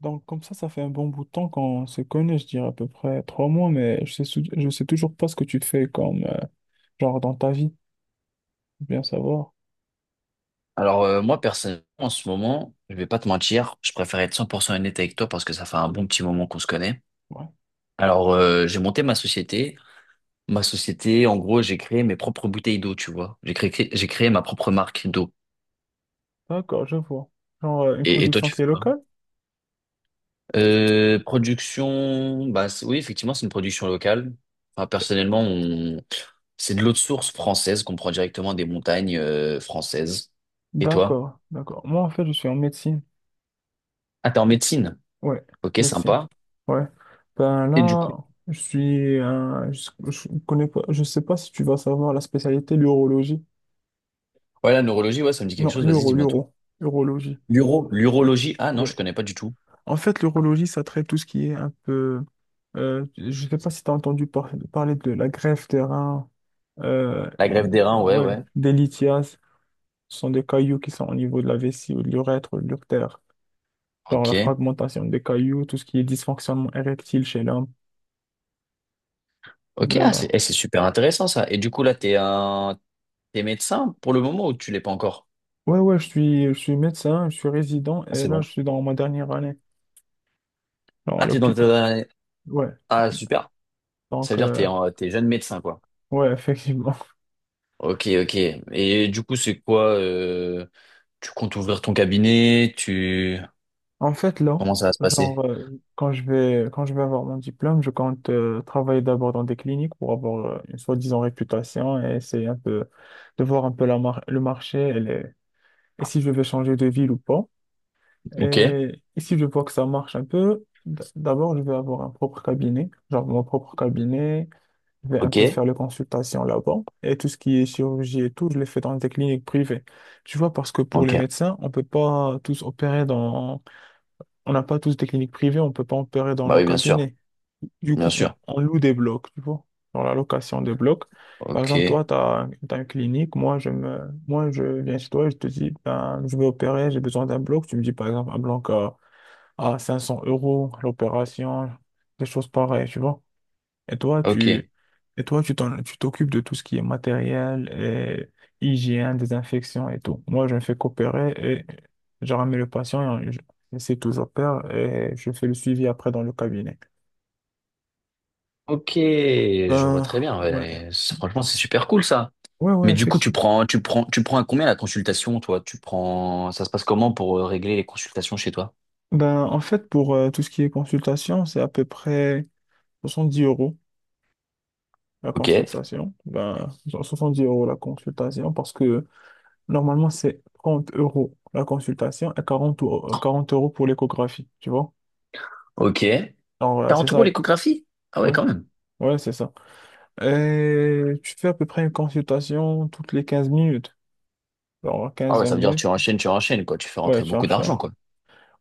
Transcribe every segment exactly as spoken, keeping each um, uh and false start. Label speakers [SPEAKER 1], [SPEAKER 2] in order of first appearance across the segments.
[SPEAKER 1] Donc comme ça, ça fait un bon bout de temps qu'on se connaît, je dirais à peu près trois mois, mais je sais, sou- je sais toujours pas ce que tu fais comme euh, genre dans ta vie, bien savoir.
[SPEAKER 2] Alors euh, moi personnellement en ce moment, je vais pas te mentir, je préfère être cent pour cent honnête avec toi parce que ça fait un bon petit moment qu'on se connaît.
[SPEAKER 1] Ouais.
[SPEAKER 2] Alors euh, j'ai monté ma société. Ma société, en gros, j'ai créé mes propres bouteilles d'eau, tu vois. J'ai créé, j'ai créé ma propre marque d'eau.
[SPEAKER 1] D'accord, je vois. Genre euh, une
[SPEAKER 2] Et, et toi,
[SPEAKER 1] production
[SPEAKER 2] tu
[SPEAKER 1] qui
[SPEAKER 2] fais
[SPEAKER 1] est
[SPEAKER 2] quoi?
[SPEAKER 1] locale?
[SPEAKER 2] Euh, production, bah c'est- oui, effectivement, c'est une production locale. Enfin, personnellement, on... c'est de l'eau de source française qu'on prend directement des montagnes euh, françaises. Et toi?
[SPEAKER 1] D'accord, d'accord. Moi en fait, je suis en médecine.
[SPEAKER 2] Ah, t'es en médecine.
[SPEAKER 1] Ouais,
[SPEAKER 2] Ok,
[SPEAKER 1] médecine.
[SPEAKER 2] sympa.
[SPEAKER 1] Ouais. Ben
[SPEAKER 2] Et du coup.
[SPEAKER 1] là, je suis un- je, je connais pas, je sais pas si tu vas savoir la spécialité l'urologie.
[SPEAKER 2] Ouais, la neurologie, ouais, ça me dit quelque
[SPEAKER 1] Non,
[SPEAKER 2] chose. Vas-y,
[SPEAKER 1] l'uro,
[SPEAKER 2] dis-moi tout.
[SPEAKER 1] l'uro, urologie.
[SPEAKER 2] L'uro,
[SPEAKER 1] Oui.
[SPEAKER 2] l'urologie. Ah non,
[SPEAKER 1] oui.
[SPEAKER 2] je connais pas du tout.
[SPEAKER 1] En fait, l'urologie, ça traite tout ce qui est un peu... euh, je ne sais pas si tu as entendu par- parler de la greffe des reins, euh,
[SPEAKER 2] La greffe
[SPEAKER 1] une-
[SPEAKER 2] des reins, ouais,
[SPEAKER 1] ouais,
[SPEAKER 2] ouais.
[SPEAKER 1] des lithiases. Ce sont des cailloux qui sont au niveau de la vessie ou de l'urètre ou de l'urtère. Genre la
[SPEAKER 2] Ok.
[SPEAKER 1] fragmentation des cailloux, tout ce qui est dysfonctionnement érectile chez l'homme.
[SPEAKER 2] Ok, ah,
[SPEAKER 1] Euh,
[SPEAKER 2] c'est eh, c'est super intéressant ça. Et du coup, là, t'es un... t'es médecin pour le moment ou tu l'es pas encore?
[SPEAKER 1] ouais, ouais, je suis, je suis médecin, je suis résident
[SPEAKER 2] Ah,
[SPEAKER 1] et
[SPEAKER 2] c'est
[SPEAKER 1] là,
[SPEAKER 2] bon.
[SPEAKER 1] je suis dans ma dernière année, genre à
[SPEAKER 2] Ah, t'es dans
[SPEAKER 1] l'hôpital.
[SPEAKER 2] ta-
[SPEAKER 1] Ouais,
[SPEAKER 2] Ah, super. Ça veut
[SPEAKER 1] donc,
[SPEAKER 2] dire que
[SPEAKER 1] euh,
[SPEAKER 2] t'es en... t'es jeune médecin, quoi.
[SPEAKER 1] ouais, effectivement.
[SPEAKER 2] Ok, ok. Et du coup, c'est quoi euh, tu comptes ouvrir ton cabinet? Tu...
[SPEAKER 1] En fait, là,
[SPEAKER 2] Comment ça va se passer?
[SPEAKER 1] genre, euh, quand je vais, quand je vais avoir mon diplôme, je compte euh, travailler d'abord dans des cliniques pour avoir euh, une soi-disant réputation et essayer un peu de voir un peu la mar- le marché et, les- et si je vais changer de ville ou pas.
[SPEAKER 2] Ok,
[SPEAKER 1] Et, et si je vois que ça marche un peu, d- d'abord, je vais avoir un propre cabinet, genre mon propre cabinet. Je vais un
[SPEAKER 2] ok,
[SPEAKER 1] peu faire les consultations là-bas. Et tout ce qui est chirurgie et tout, je le fais dans des cliniques privées. Tu vois, parce que pour les
[SPEAKER 2] ok.
[SPEAKER 1] médecins, on peut pas tous opérer dans on n'a pas tous des cliniques privées, on peut pas opérer dans
[SPEAKER 2] Bah
[SPEAKER 1] nos
[SPEAKER 2] oui, bien sûr,
[SPEAKER 1] cabinets. Du
[SPEAKER 2] bien
[SPEAKER 1] coup, on,
[SPEAKER 2] sûr.
[SPEAKER 1] on loue des blocs, tu vois, dans la location des blocs. Par
[SPEAKER 2] Ok,
[SPEAKER 1] exemple, toi, tu as, une clinique, moi, je me, moi, je viens chez toi et je te dis, ben, je vais opérer, j'ai besoin d'un bloc. Tu me dis, par exemple, un bloc à, à 500 euros, l'opération, des choses pareilles, tu vois. Et toi,
[SPEAKER 2] ok.
[SPEAKER 1] tu, et toi, tu t'en- tu t'occupes de tout ce qui est matériel, et hygiène, désinfection et tout. Moi, je ne fais qu'opérer et je ramène le patient et je- et c'est tout, j'opère et je fais le suivi après dans le cabinet.
[SPEAKER 2] Ok, je vois
[SPEAKER 1] Ben,
[SPEAKER 2] très bien.
[SPEAKER 1] ouais,
[SPEAKER 2] Ouais. C'est- Franchement, c'est super cool ça.
[SPEAKER 1] ouais, ouais,
[SPEAKER 2] Mais du coup, tu
[SPEAKER 1] effectivement.
[SPEAKER 2] prends, tu prends, tu prends à combien la consultation, toi? Tu prends, ça se passe comment pour euh, régler les consultations chez toi?
[SPEAKER 1] Ben, en fait, pour euh, tout ce qui est consultation, c'est à peu près soixante dix euros la
[SPEAKER 2] Ok,
[SPEAKER 1] consultation. Ben, genre dix euros la consultation parce que normalement, c'est trente euros la consultation et quarante ou- euh, quarante euros pour l'échographie, tu vois?
[SPEAKER 2] ok.
[SPEAKER 1] Alors voilà, c'est
[SPEAKER 2] quarante euros
[SPEAKER 1] ça.
[SPEAKER 2] l'échographie? Ah ouais,
[SPEAKER 1] Ouais,
[SPEAKER 2] quand même.
[SPEAKER 1] ouais, c'est ça. Euh, tu fais à peu près une consultation toutes les quinze minutes. Alors
[SPEAKER 2] Ah
[SPEAKER 1] quinze
[SPEAKER 2] ouais,
[SPEAKER 1] vingt
[SPEAKER 2] ça veut dire que
[SPEAKER 1] minutes.
[SPEAKER 2] tu enchaînes, tu enchaînes, quoi. Tu fais
[SPEAKER 1] Ouais,
[SPEAKER 2] rentrer
[SPEAKER 1] tu
[SPEAKER 2] beaucoup d'argent,
[SPEAKER 1] enchaînes.
[SPEAKER 2] quoi.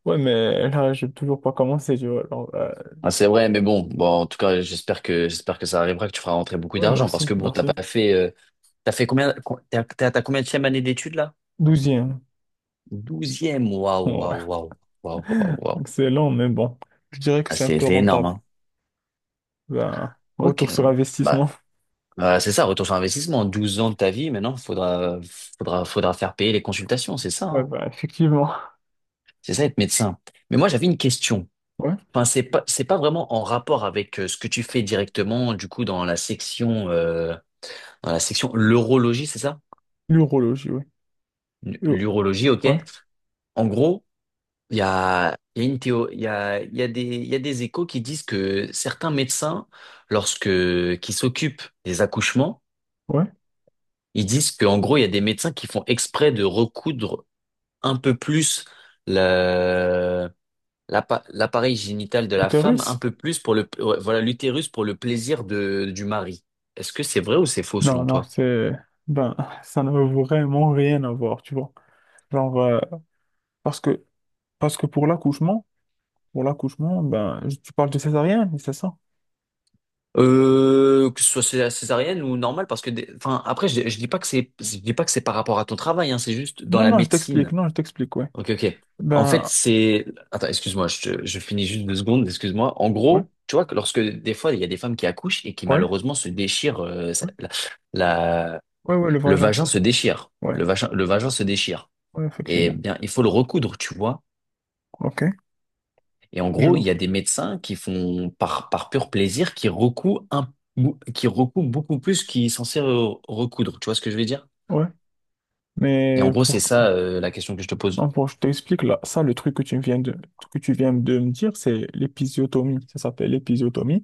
[SPEAKER 1] Ouais, mais là, je n'ai toujours pas commencé, tu vois. Alors, euh,
[SPEAKER 2] Ah, c'est vrai, mais bon, bon, en tout cas, j'espère que, j'espère que ça arrivera, que tu feras rentrer beaucoup
[SPEAKER 1] ouais,
[SPEAKER 2] d'argent, parce
[SPEAKER 1] merci,
[SPEAKER 2] que bon, t'as
[SPEAKER 1] merci.
[SPEAKER 2] pas fait, euh, t'as fait combien, co- t'as, t'as, t'as combien de année d'études là?
[SPEAKER 1] Douzième.
[SPEAKER 2] Douzième, waouh,
[SPEAKER 1] Ouais,
[SPEAKER 2] waouh, waouh, waouh, waouh, waouh.
[SPEAKER 1] excellent, mais bon. Je dirais que
[SPEAKER 2] Ah,
[SPEAKER 1] c'est un
[SPEAKER 2] c'est
[SPEAKER 1] peu
[SPEAKER 2] c'est énorme,
[SPEAKER 1] rentable.
[SPEAKER 2] hein.
[SPEAKER 1] Ben,
[SPEAKER 2] Ok.
[SPEAKER 1] retour sur
[SPEAKER 2] Bah,
[SPEAKER 1] investissement.
[SPEAKER 2] euh, c'est ça, retour sur investissement. Douze ans de ta vie, maintenant, faudra, faudra, faudra faire payer les consultations, c'est ça,
[SPEAKER 1] Ouais,
[SPEAKER 2] hein.
[SPEAKER 1] ben, effectivement.
[SPEAKER 2] C'est ça, être médecin. Mais moi, j'avais une question.
[SPEAKER 1] Ouais.
[SPEAKER 2] Enfin, c'est pas, c'est pas vraiment en rapport avec euh, ce que tu fais directement, du coup, dans la section, euh, dans la section l'urologie, c'est ça?
[SPEAKER 1] L'urologie, oui. Uro-
[SPEAKER 2] L'urologie, ok.
[SPEAKER 1] Ouais,
[SPEAKER 2] En gros, il y a, il y a une théo, il y a, il y a des, il y a des échos qui disent que certains médecins, lorsque, qui s'occupent des accouchements,
[SPEAKER 1] ouais.
[SPEAKER 2] ils disent qu'en gros, il y a des médecins qui font exprès de recoudre un peu plus la- l'appa- l'appareil génital de la femme,
[SPEAKER 1] L'utérus?
[SPEAKER 2] un peu plus pour le, ouais, voilà, l'utérus pour le plaisir de, du mari. Est-ce que c'est vrai ou c'est faux
[SPEAKER 1] Non,
[SPEAKER 2] selon
[SPEAKER 1] non,
[SPEAKER 2] toi?
[SPEAKER 1] c'est... Ben, ça ne veut vraiment rien à voir, tu vois. Genre, euh, parce que Parce que pour l'accouchement, pour l'accouchement, ben, je- tu parles de césarienne, oui, c'est ça?
[SPEAKER 2] Euh, que ce soit cé- césarienne ou normale, parce que, des- enfin, après, je, je dis pas que c'est, je dis pas que c'est par rapport à ton travail, hein, c'est juste dans
[SPEAKER 1] Non,
[SPEAKER 2] la
[SPEAKER 1] non, je t'explique,
[SPEAKER 2] médecine.
[SPEAKER 1] non, je t'explique, ouais.
[SPEAKER 2] Ok, ok. En fait,
[SPEAKER 1] Ben,
[SPEAKER 2] c'est... Attends, excuse-moi, je, te- je finis juste deux secondes, excuse-moi. En
[SPEAKER 1] ouais,
[SPEAKER 2] gros, tu vois, que lorsque des fois, il y a des femmes qui accouchent et qui
[SPEAKER 1] ouais,
[SPEAKER 2] malheureusement se déchirent, euh, ça-
[SPEAKER 1] ouais,
[SPEAKER 2] la, la-
[SPEAKER 1] ouais, ouais, le
[SPEAKER 2] le
[SPEAKER 1] vagin,
[SPEAKER 2] vagin se déchire,
[SPEAKER 1] ouais,
[SPEAKER 2] le vagin, le vagin se déchire.
[SPEAKER 1] ouais,
[SPEAKER 2] Et
[SPEAKER 1] effectivement.
[SPEAKER 2] bien, il faut le recoudre, tu vois.
[SPEAKER 1] Ok,
[SPEAKER 2] Et en
[SPEAKER 1] je
[SPEAKER 2] gros, il
[SPEAKER 1] vois,
[SPEAKER 2] y a des médecins qui font, par, par pur plaisir, qui recouent un, bou- qui recouent beaucoup plus qu'ils sont censés re- recoudre, tu vois ce que je veux dire?
[SPEAKER 1] ouais.
[SPEAKER 2] Et
[SPEAKER 1] Mais
[SPEAKER 2] en gros, c'est
[SPEAKER 1] pour,
[SPEAKER 2] ça, euh, la question que je te pose.
[SPEAKER 1] non, pour, je t'explique, là, ça, le truc que tu viens de, que tu viens de me dire, c'est l'épisiotomie, ça s'appelle l'épisiotomie.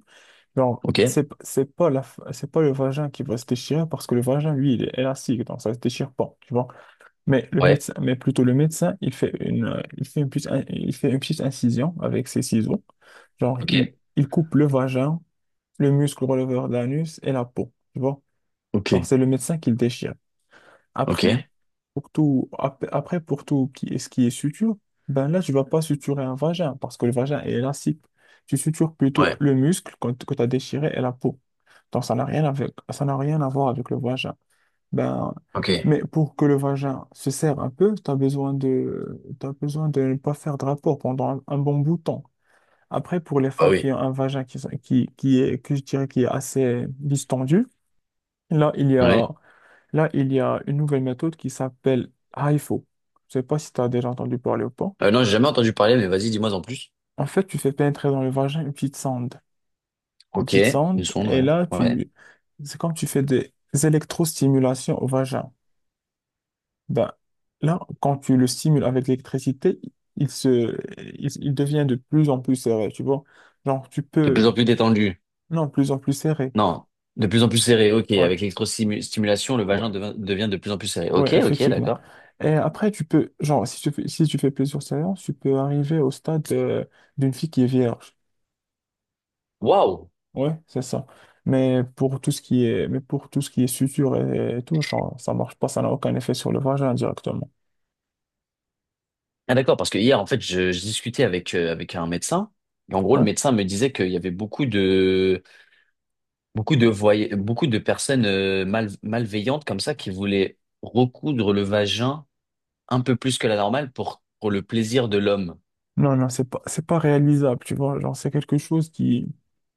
[SPEAKER 1] Genre,
[SPEAKER 2] Ok?
[SPEAKER 1] c'est, c'est pas la, c'est pas le vagin qui va se déchirer parce que le vagin, lui, il est élastique, donc ça se déchire pas, tu vois. Mais le
[SPEAKER 2] Ouais.
[SPEAKER 1] médecin, mais plutôt le médecin, il fait une, euh, il fait une petite, in- il fait une petite incision avec ses ciseaux. Genre, il,
[SPEAKER 2] Ok.
[SPEAKER 1] il coupe le vagin, le muscle releveur de l'anus et la peau. Tu vois?
[SPEAKER 2] Ok.
[SPEAKER 1] Alors, c'est le médecin qui le déchire. Après,
[SPEAKER 2] Ok.
[SPEAKER 1] pour tout, ap- après, pour tout qui, ce qui est suture, ben là, tu vas pas suturer un vagin parce que le vagin est élastique. Tu sutures plutôt
[SPEAKER 2] Ouais.
[SPEAKER 1] le muscle quand- que tu as déchiré et la peau. Donc, ça n'a rien avec, ça n'a rien à voir avec le vagin. Ben,
[SPEAKER 2] Ok.
[SPEAKER 1] mais pour que le vagin se serre un peu, tu as besoin de, t'as besoin de ne pas faire de rapport pendant un, un bon bout de temps. Après, pour les
[SPEAKER 2] Ah
[SPEAKER 1] femmes qui
[SPEAKER 2] oui.
[SPEAKER 1] ont un vagin qui, sont- qui, qui est, que je dirais qui est assez distendu, là, il y a,
[SPEAKER 2] Ouais.
[SPEAKER 1] là, il y a une nouvelle méthode qui s'appelle HIFO. Je sais pas si tu as déjà entendu parler ou pas.
[SPEAKER 2] Euh, non, j'ai jamais entendu parler, mais vas-y, dis-moi en plus.
[SPEAKER 1] En fait, tu fais pénétrer dans le vagin une petite sonde. Une
[SPEAKER 2] Ok,
[SPEAKER 1] petite
[SPEAKER 2] une
[SPEAKER 1] sonde,
[SPEAKER 2] sonde,
[SPEAKER 1] et
[SPEAKER 2] ouais.
[SPEAKER 1] là,
[SPEAKER 2] Ouais.
[SPEAKER 1] tu, c'est comme tu fais des électrostimulations au vagin. Ben, là, quand tu le stimules avec l'électricité, il se, il, il devient de plus en plus serré, tu vois. Genre, tu
[SPEAKER 2] De
[SPEAKER 1] peux,
[SPEAKER 2] plus en plus détendu.
[SPEAKER 1] non, de plus en plus serré.
[SPEAKER 2] Non, de plus en plus serré. Ok,
[SPEAKER 1] Ouais,
[SPEAKER 2] avec l'électrostimulation, le vagin
[SPEAKER 1] ouais,
[SPEAKER 2] devin- devient de plus en plus serré. Ok,
[SPEAKER 1] ouais,
[SPEAKER 2] ok,
[SPEAKER 1] effectivement.
[SPEAKER 2] d'accord.
[SPEAKER 1] Et après, tu peux, genre, si tu fais, si tu fais plusieurs séances, tu peux arriver au stade euh, d'une fille qui est vierge.
[SPEAKER 2] Waouh.
[SPEAKER 1] Ouais, c'est ça. Mais pour tout ce qui est, mais pour tout ce qui est suture et, et tout, genre, ça marche pas, ça n'a aucun effet sur le vagin directement.
[SPEAKER 2] Ah d'accord, parce que hier, en fait, je, je discutais avec euh, avec un médecin. Et en gros, le
[SPEAKER 1] Ouais.
[SPEAKER 2] médecin me disait qu'il y avait beaucoup de beaucoup de voy- beaucoup de personnes euh, mal- malveillantes comme ça qui voulaient recoudre le vagin un peu plus que la normale pour pour le plaisir de l'homme.
[SPEAKER 1] Non, non, c'est pas, c'est pas réalisable, tu vois. Genre, c'est quelque chose qui,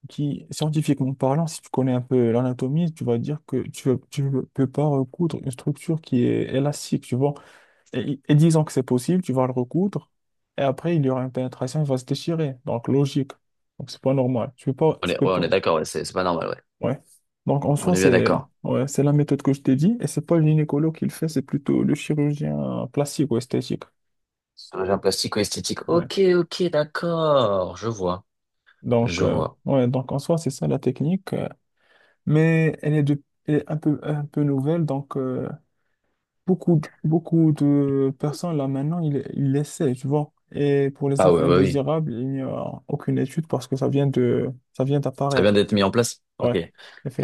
[SPEAKER 1] qui, scientifiquement parlant, si tu connais un peu l'anatomie, tu vas dire que tu, tu ne peux pas recoudre une structure qui est élastique, tu vois. Et, et disons que c'est possible, tu vas le recoudre, et après, il y aura une pénétration, il va se déchirer. Donc, logique. Donc, c'est pas normal. Tu peux pas,
[SPEAKER 2] On
[SPEAKER 1] tu
[SPEAKER 2] est, ouais,
[SPEAKER 1] peux
[SPEAKER 2] on est
[SPEAKER 1] pas.
[SPEAKER 2] d'accord, ouais, c'est c'est pas normal, ouais.
[SPEAKER 1] Ouais. Donc, en
[SPEAKER 2] On
[SPEAKER 1] soi,
[SPEAKER 2] est bien
[SPEAKER 1] c'est,
[SPEAKER 2] d'accord.
[SPEAKER 1] ouais, c'est la méthode que je t'ai dit, et c'est pas le gynécologue qui le fait, c'est plutôt le chirurgien plastique ou esthétique.
[SPEAKER 2] Chirurgien plastique ou esthétique.
[SPEAKER 1] Ouais.
[SPEAKER 2] Ok, ok, d'accord. Je vois,
[SPEAKER 1] Donc,
[SPEAKER 2] je
[SPEAKER 1] euh,
[SPEAKER 2] vois.
[SPEAKER 1] ouais, donc en soi, c'est ça la technique. euh, mais elle est, de, elle est un peu, un peu nouvelle, donc euh, beaucoup, de- beaucoup de personnes là maintenant, ils, ils l'essaient, tu vois. Et pour les
[SPEAKER 2] Ah ouais,
[SPEAKER 1] effets
[SPEAKER 2] bah oui.
[SPEAKER 1] indésirables, il n'y a aucune étude parce que ça vient de, ça vient
[SPEAKER 2] Ça vient
[SPEAKER 1] d'apparaître.
[SPEAKER 2] d'être mis en place. Ok.
[SPEAKER 1] Ouais,
[SPEAKER 2] Ça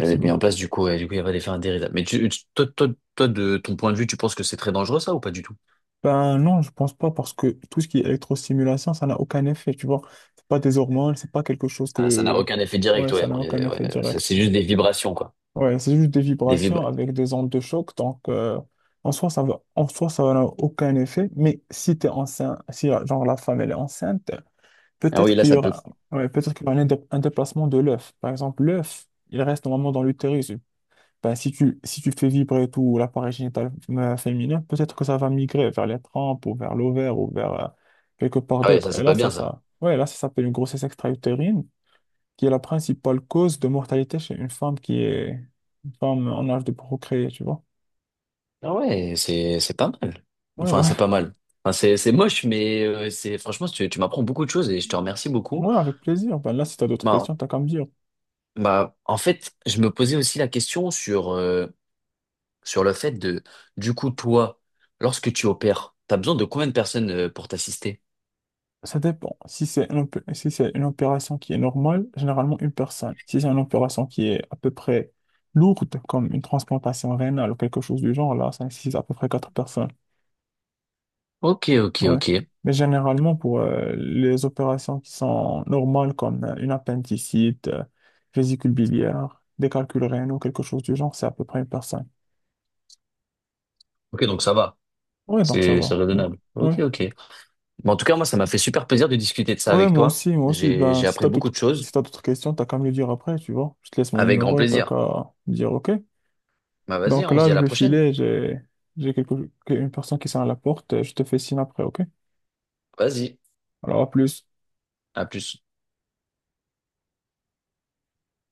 [SPEAKER 2] vient d'être mis en place, du coup, et du coup, il va aller faire un dérive. Mais tu, tu- toi, toi, toi, de ton point de vue, tu penses que c'est très dangereux, ça, ou pas du tout?
[SPEAKER 1] Ben non, je pense pas parce que tout ce qui est électrostimulation, ça n'a aucun effet, tu vois. C'est pas des hormones, c'est pas quelque chose
[SPEAKER 2] Ah, ça n'a
[SPEAKER 1] que...
[SPEAKER 2] aucun effet
[SPEAKER 1] Ouais,
[SPEAKER 2] direct, ouais.
[SPEAKER 1] ça n'a
[SPEAKER 2] On
[SPEAKER 1] aucun
[SPEAKER 2] est-
[SPEAKER 1] effet
[SPEAKER 2] ouais. Ça,
[SPEAKER 1] direct.
[SPEAKER 2] c'est juste des vibrations, quoi.
[SPEAKER 1] Ouais, c'est juste des
[SPEAKER 2] Des
[SPEAKER 1] vibrations
[SPEAKER 2] vibra-
[SPEAKER 1] avec des ondes de choc. Donc, euh, en soi, ça va, en soi, ça n'a aucun effet. Mais si t'es enceinte, si la- genre la femme elle est enceinte,
[SPEAKER 2] Ah oui,
[SPEAKER 1] peut-être
[SPEAKER 2] là,
[SPEAKER 1] qu'il y
[SPEAKER 2] ça peut.
[SPEAKER 1] aura, ouais, peut-être qu'il y aura un, dé- un déplacement de l'œuf. Par exemple, l'œuf, il reste normalement dans l'utérus. Ben, si tu, si tu fais vibrer tout l'appareil génital euh, féminin, peut-être que ça va migrer vers les trompes ou vers l'ovaire ou vers euh, quelque part
[SPEAKER 2] Ah ouais, ça,
[SPEAKER 1] d'autre. Et
[SPEAKER 2] c'est pas
[SPEAKER 1] là, ça,
[SPEAKER 2] bien, ça.
[SPEAKER 1] ça, ouais, là, ça s'appelle une grossesse extra-utérine qui est la principale cause de mortalité chez une femme qui est une femme en âge de procréer, tu vois.
[SPEAKER 2] Ah ouais, c'est, c'est pas mal.
[SPEAKER 1] Ouais,
[SPEAKER 2] Enfin,
[SPEAKER 1] ouais,
[SPEAKER 2] c'est pas mal. Enfin, c'est, c'est moche, mais euh, c'est, franchement, tu, tu m'apprends beaucoup de choses et je te remercie beaucoup.
[SPEAKER 1] ouais, avec plaisir. Ben là, si tu as d'autres
[SPEAKER 2] Bah,
[SPEAKER 1] questions, t'as qu'à me dire.
[SPEAKER 2] bah, en fait, je me posais aussi la question sur, euh, sur le fait de, du coup, toi, lorsque tu opères, t'as besoin de combien de personnes euh, pour t'assister?
[SPEAKER 1] Ça dépend. Si c'est une, opé- si c'est une opération qui est normale, généralement une personne. Si c'est une opération qui est à peu près lourde, comme une transplantation rénale ou quelque chose du genre, là, ça nécessite à peu près quatre personnes.
[SPEAKER 2] Ok, ok,
[SPEAKER 1] Ouais.
[SPEAKER 2] ok.
[SPEAKER 1] Mais généralement, pour euh, les opérations qui sont normales, comme euh, une appendicite, euh, vésicule biliaire, des calculs rénaux, quelque chose du genre, c'est à peu près une personne.
[SPEAKER 2] Ok, donc ça va.
[SPEAKER 1] Ouais, donc ça
[SPEAKER 2] C'est, c'est
[SPEAKER 1] va. Ouais.
[SPEAKER 2] raisonnable. Ok,
[SPEAKER 1] Ouais,
[SPEAKER 2] ok. Mais en tout cas, moi, ça m'a fait super plaisir de discuter de ça
[SPEAKER 1] ouais,
[SPEAKER 2] avec
[SPEAKER 1] moi
[SPEAKER 2] toi.
[SPEAKER 1] aussi, moi aussi.
[SPEAKER 2] J'ai,
[SPEAKER 1] Ben,
[SPEAKER 2] j'ai
[SPEAKER 1] si
[SPEAKER 2] appris
[SPEAKER 1] t'as
[SPEAKER 2] beaucoup
[SPEAKER 1] d'autres,
[SPEAKER 2] de choses.
[SPEAKER 1] si t'as d'autres questions, t'as qu'à me le dire après, tu vois. Je te laisse mon
[SPEAKER 2] Avec grand
[SPEAKER 1] numéro, t'as
[SPEAKER 2] plaisir.
[SPEAKER 1] qu'à me dire OK.
[SPEAKER 2] Bah, vas-y,
[SPEAKER 1] Donc
[SPEAKER 2] hein, on se
[SPEAKER 1] là,
[SPEAKER 2] dit à
[SPEAKER 1] je
[SPEAKER 2] la
[SPEAKER 1] vais
[SPEAKER 2] prochaine.
[SPEAKER 1] filer, j'ai, j'ai quelque, une personne qui sonne à la porte, je te fais signe après, OK?
[SPEAKER 2] Vas-y.
[SPEAKER 1] Alors, à plus.
[SPEAKER 2] À plus.